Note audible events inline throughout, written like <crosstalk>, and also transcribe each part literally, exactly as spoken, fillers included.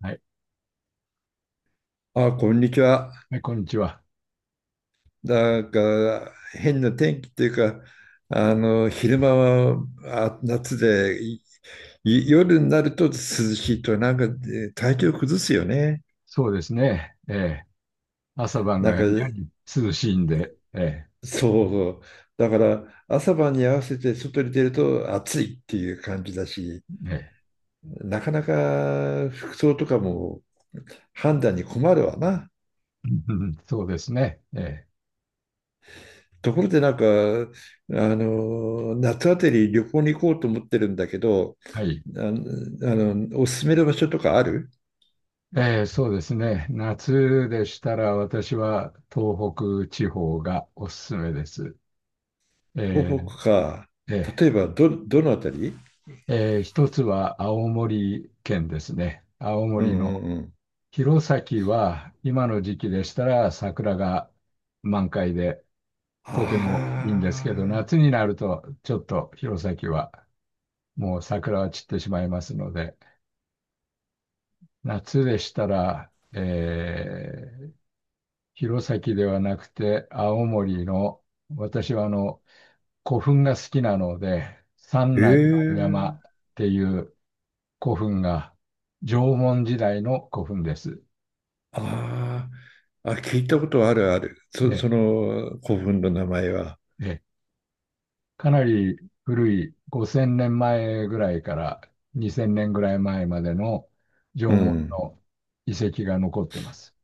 はい。あ、こんにちは。はい、こんにちは。なんか変な天気っていうか、あの昼間はあ夏で、いい夜になると涼しいと、なんかえ体調崩すよね。そうですね。ええ、朝晩ながんやかに涼しいんで、えそう、だから朝晩に合わせて外に出ると暑いっていう感じだし、え、ええ、なかなか服装とかも判断に困るわな。<laughs> うんうん、そうですね。ええ、ところでなんか、あの夏あたり旅行に行こうと思ってるんだけど、はい。あの、おすすめの場所とかある？ええ、そうですね。夏でしたら私は東北地方がおすすめです。え東北か。え、え例えば、ど、どのあたり？え、ええ、一つは青森県ですね。青うん森うのんうん。弘前は今の時期でしたら桜が満開で、とてもいいんですけど、ああ、夏になるとちょっと弘前はもう桜は散ってしまいますので、夏でしたら、えー弘前ではなくて青森の、私はあの古墳が好きなので、三え内丸山っえ、ていう古墳が縄文時代の古墳です。ああ、あ、聞いたことあるある。そ、で、その古墳の名前は。でかなり古いごせんねんまえぐらいからにせんねんぐらい前までの縄う文ん。の遺跡が残ってます。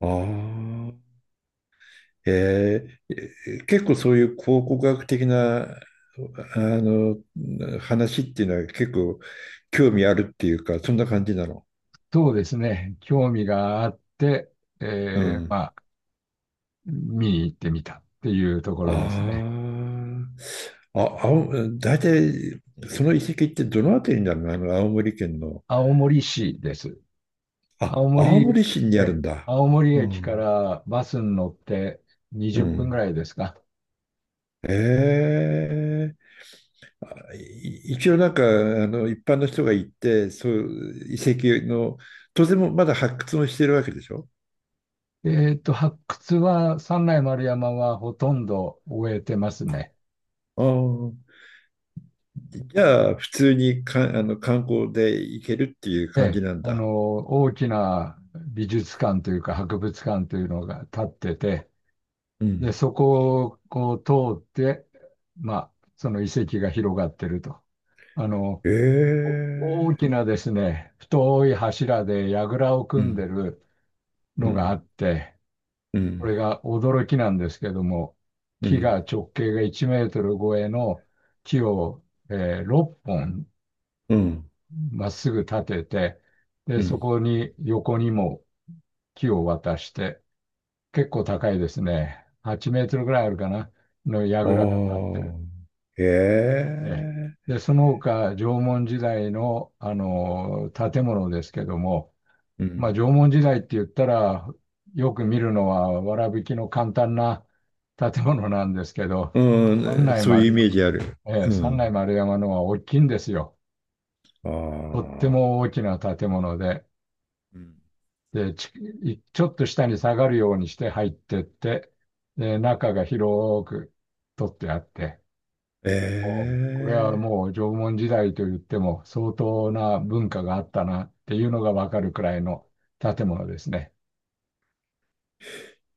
ああ、ええ結構そういう考古学的な、あの、話っていうのは結構興味あるっていうか、そんな感じなの。そうですね。興味があって、うえーん。まあ、見に行ってみたっていうところですね。ああ、あ、青大体、その遺跡ってどのあたりになるの？あの、青森県の。青森市です。青あ、青森、森市にあるえ、んだ。青森う駅かん。らバスに乗ってうにじゅっぷんぐん。らいですか。ええ。い一応なんか、あの、一般の人が行って、そういう遺跡の、当然もまだ発掘もしてるわけでしょ？えっと、発掘は、三内丸山はほとんど終えてますね。ああ。じゃあ、普通にか、あの、観光で行けるっていうえ感じえ、なんあの、だ。大きな美術館というか博物館というのが建ってて、うで、ん。そこをこう通って、まあ、その遺跡が広がってると。あの、えお大え。きなですね、太い柱で櫓をう組んでん。るうのがあん。って、うこん。れが驚きなんですけども、う木ん。が直径がいちメートル超えの木を、えーろっぽんうん、まっすぐ立てて、で、うそん。こに横にも木を渡して、結構高いですね。はちメートルぐらいあるかな、の櫓が立っあてる。あ、へええ。え、で、その他、縄文時代の、あの、建物ですけども、うまあ、ん、縄文時代って言ったら、よく見るのは、わらびきの簡単な建物なんですけど、う三ん、ね、内そういうイ丸メー山、ジある。ええ、う三内ん、丸山のは大きいんですよ。あとってあ、も大きな建物で、うん。で、ち、いちょっと下に下がるようにして入ってって、で、中が広く取ってあって、えこれはえ、もう縄文時代と言っても相当な文化があったなっていうのがわかるくらいの建物ですね。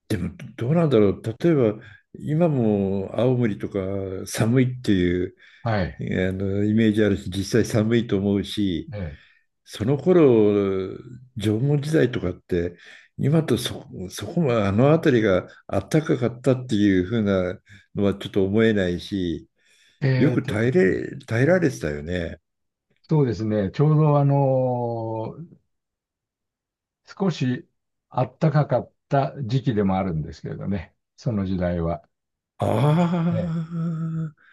でもどうなんだろう。例えば、今も青森とか寒いっていう、はえい。ーあの、イメージあるし、実際寒いと思うし、えその頃、縄文時代とかって、今とそ、そこもあの辺りがあったかかったっていう風なのはちょっと思えないし、えよえーくと耐でえすね、れ、耐えられてたよね。そうですね。ちょうどあのー少し暖かかった時期でもあるんですけれどね。その時代は。あええ、あ、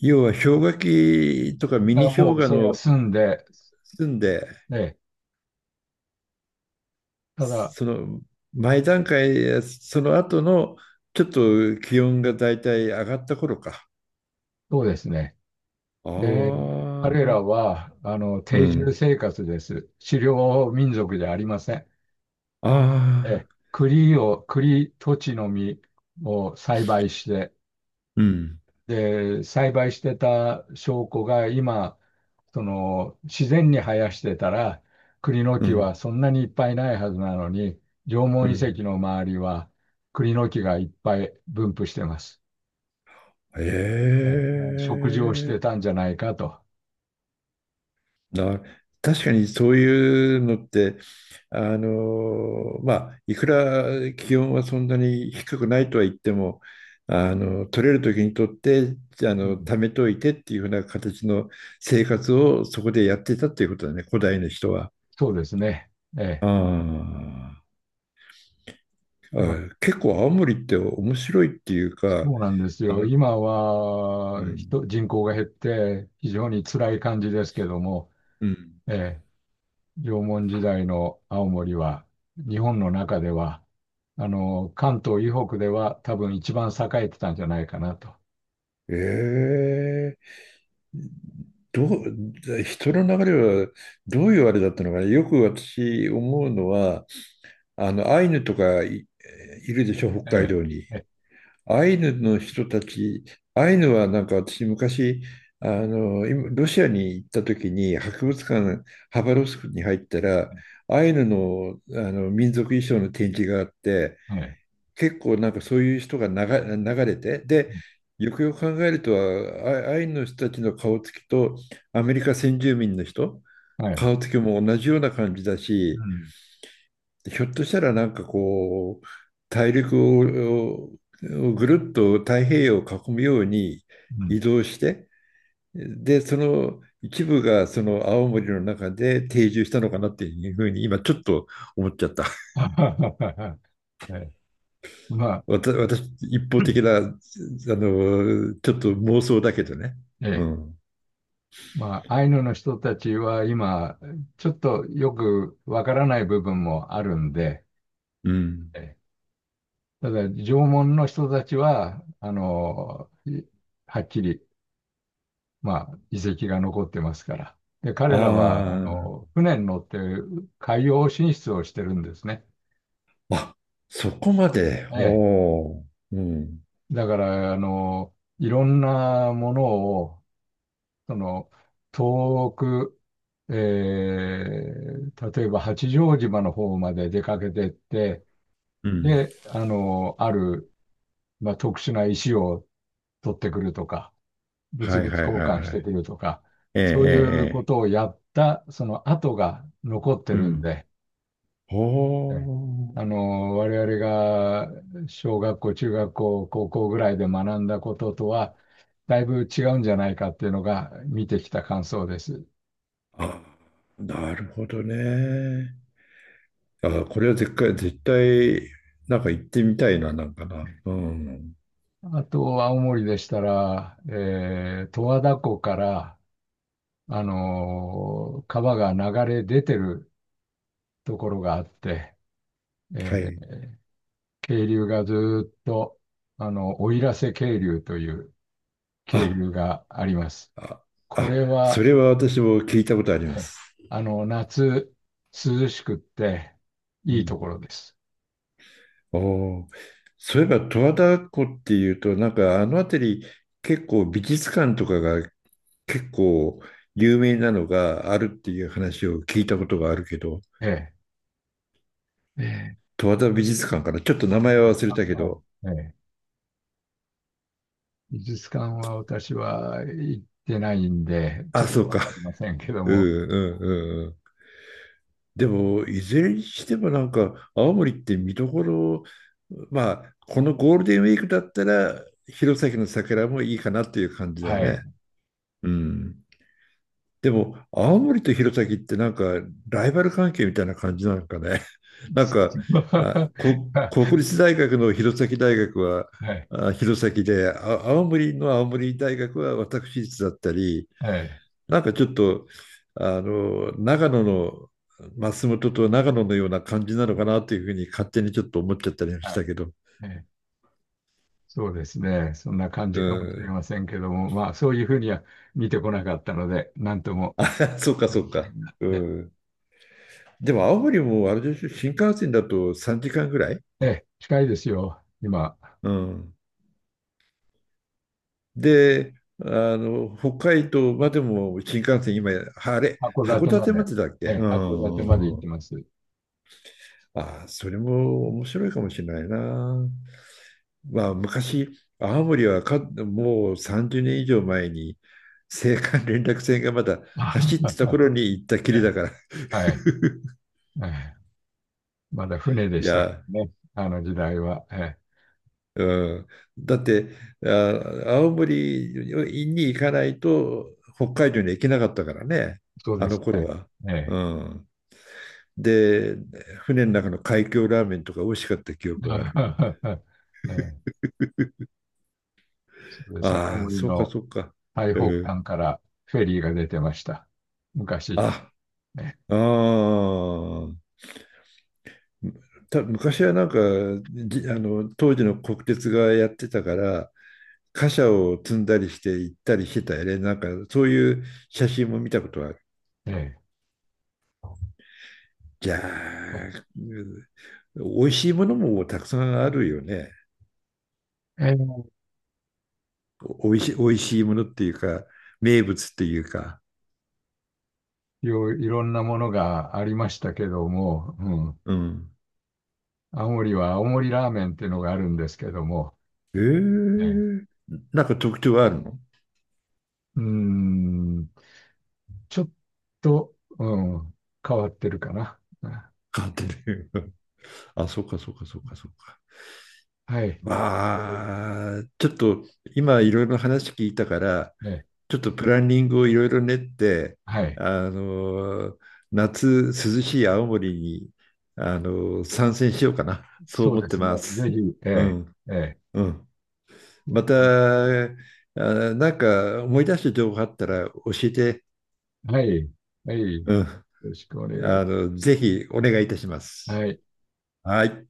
要は氷河期とかミまあ、ニも氷う河それがの済んで、住んで、ええ、ただ、その前段階、その後のちょっと気温がだいたい上がった頃か。そうですね。あで、彼らあ、はあのう定住ん。生活です。狩猟民族じゃありません。あえ、あ、栗を、栗、土地の実を栽培して、うん。で、栽培してた証拠が今、その、自然に生やしてたら、栗のう木はん。そんなにいっぱいないはずなのに、縄う文遺ん。跡の周りは栗の木がいっぱい分布してます。えええ、食事をえ、してたんじゃないかと。な、確かにそういうのって、あの、まあ、いくら気温はそんなに低くないとは言っても、あの、取れる時に取って、あうの、ん、貯めといてっていうふうな形の生活をそこでやってたっていうことだね、古代の人は。そうですね。ええ。あーまあ、あ、結構青森って面白いっていうそか、うなんですあよ。の、今うはん、人、人口が減って非常に辛い感じですけども、うん。ええ、縄文時代の青森は、日本の中では、あの、関東以北では多分一番栄えてたんじゃないかなと。ええ、どう、人の流れはどういうあれだったのかな。よく私思うのは、あの、アイヌとかい、いるでしょ、北海え道に。え、えアイヌの人たち、アイヌはなんか私昔、あの、今ロシアに行った時に、博物館、ハバロフスクに入ったら、え、アイヌの、あの民族衣装の展示があって、はい、結構なんかそういう人が流、流れて、で、よくよく考えるとあアイヌの人たちの顔つきとアメリカ先住民の人、はい、顔つきも同じような感じだうし、ん、ひょっとしたらなんかこう、大陸ををぐるっと太平洋を囲むようにうん。移動して、で、その一部がその青森の中で定住したのかなっていうふうに今ちょっと思っちゃった。<laughs> ええ、まあ、わた私、一方的な、あの、ちょっと妄想だけどね。えうえ、ん。まあ、アイヌの人たちは今、ちょっとよくわからない部分もあるんで、うん。ええ、ただ、縄文の人たちは、あの、はっきり、まあ、遺跡が残ってますから。で、彼らは、ああの、船に乗って海洋進出をしてるんですね。あ、あ、そこまで。えおえ。お。うん。だから、あの、いろんなものを、その、遠く、えー例えば八丈島の方まで出かけてって、うん。で、あの、ある、まあ、特殊な石を取ってくるとか、物は々いはい交はい換しはてい。くるとか、ええええ。そういうこええ、とをやった、その跡が残ってうるんん。で、えおえ、お。あの、我々が小学校、中学校、高校ぐらいで学んだこととは、だいぶ違うんじゃないかっていうのが見てきた感想です。あ、なるほどね。あ、これは絶対、絶対、なんか行ってみたいな、なんかな。うん。あと、青森でしたら、えー、十和田湖から、あの、川が流れ出てるところがあって、はえい。ー、渓流がずーっと、あの、奥入瀬渓流という渓流あ、があります。あ、こあ、れそは、れは私も聞いたことありまええ、す。あの、夏、涼しくって、ういいとん。ころです。おー、そういえば十和田湖っていうと、なんかあの辺り結構美術館とかが結構有名なのがあるっていう話を聞いたことがあるけど、ええ。ええ。十和田美術館かな、ちょっと名前は忘れあ、たけはい。ど、ええ。美術館は私は行ってないんで、ちょあ、っそとうわか。かりませ <laughs> んけどうも、んうんうんうん。でも、いずれにしてもなんか青森って見どころ、まあ、このゴールデンウィークだったら弘前の桜もいいかなっていう感じだはい。ね。うん。でも、青森と弘前ってなんか、ライバル関係みたいな感じなのかね。<laughs> なんか、あ、こ、<laughs> は国立大学の弘前大学は、い。あ、弘前で、あ、青森の青森大学は私立だったり、ええ。なんかちょっと、あの、長野の松本と長野のような感じなのかなというふうに勝手にちょっと思っちゃったりもしはたい。けど。ええ。そうですね。そんな感うじかもしれん。ませんけども、まあ、そういうふうには見てこなかったので、なんとも。<laughs> そうか、なそんとうか。もうね。ん。でも、青森もあれでしょ、新幹線だとさんじかんぐらい。ええ、近いですよ、今。うん。で、あの、北海道までも新幹線、今、あれ、函函館ま館まで、でだっけ？えうえ、函館んうまで行っんうてん。ます。<laughs> あ、それも面白いかもしれないな。まあ、昔、青森はかもうさんじゅうねん以上前に、青函連絡船がまだあ走っはてたは。頃に行ったきえりだえ、から。はい。ええ、まだ船でいしたかや、らね、あの時代は。ええ、うん。だって、あ、青森に行かないと、北海道に行けなかったからね、そうあでのす頃ね。は。ええ。うん。で、船の中の海峡ラーメンとか美味しかった記憶がある。<laughs> ええ、そうです。青ああ、森そうかのそうか。最う北ん。端からフェリーが出てました。昔。あ、ああ。た昔はなんかじあの当時の国鉄がやってたから貨車を積んだりして行ったりしてたよね。なんかそういう写真も見たことはある。ええ。じゃあ、うん、美味しいものもたくさんあるよね。ええ、おいしい、美味しいものっていうか名物っていうか。いろいろんなものがありましたけども、うん。うん。青森は青森ラーメンっていうのがあるんですけども、えええ、え、なんか特徴あるの？うーん。ちょっと、うん、変わってるかな。うん。鑑定留学。あ、そうか、そうか、そうか、そうか。はい。えーまあ、ちょっと今いろいろ話聞いたから、ね、ちょっとプランニングをいろいろ練って、はい。あの、夏涼しい青森に、あの、参戦しようかな。そうそう思っでてすね。まぜす。ひ、えうえ、ん、ええ。うん。うまん。た、あ、なんか思い出した情報あったら教えて、はい。はい。ようん。ろしくお願い。あの、ぜひお願いいたします。はい。はい。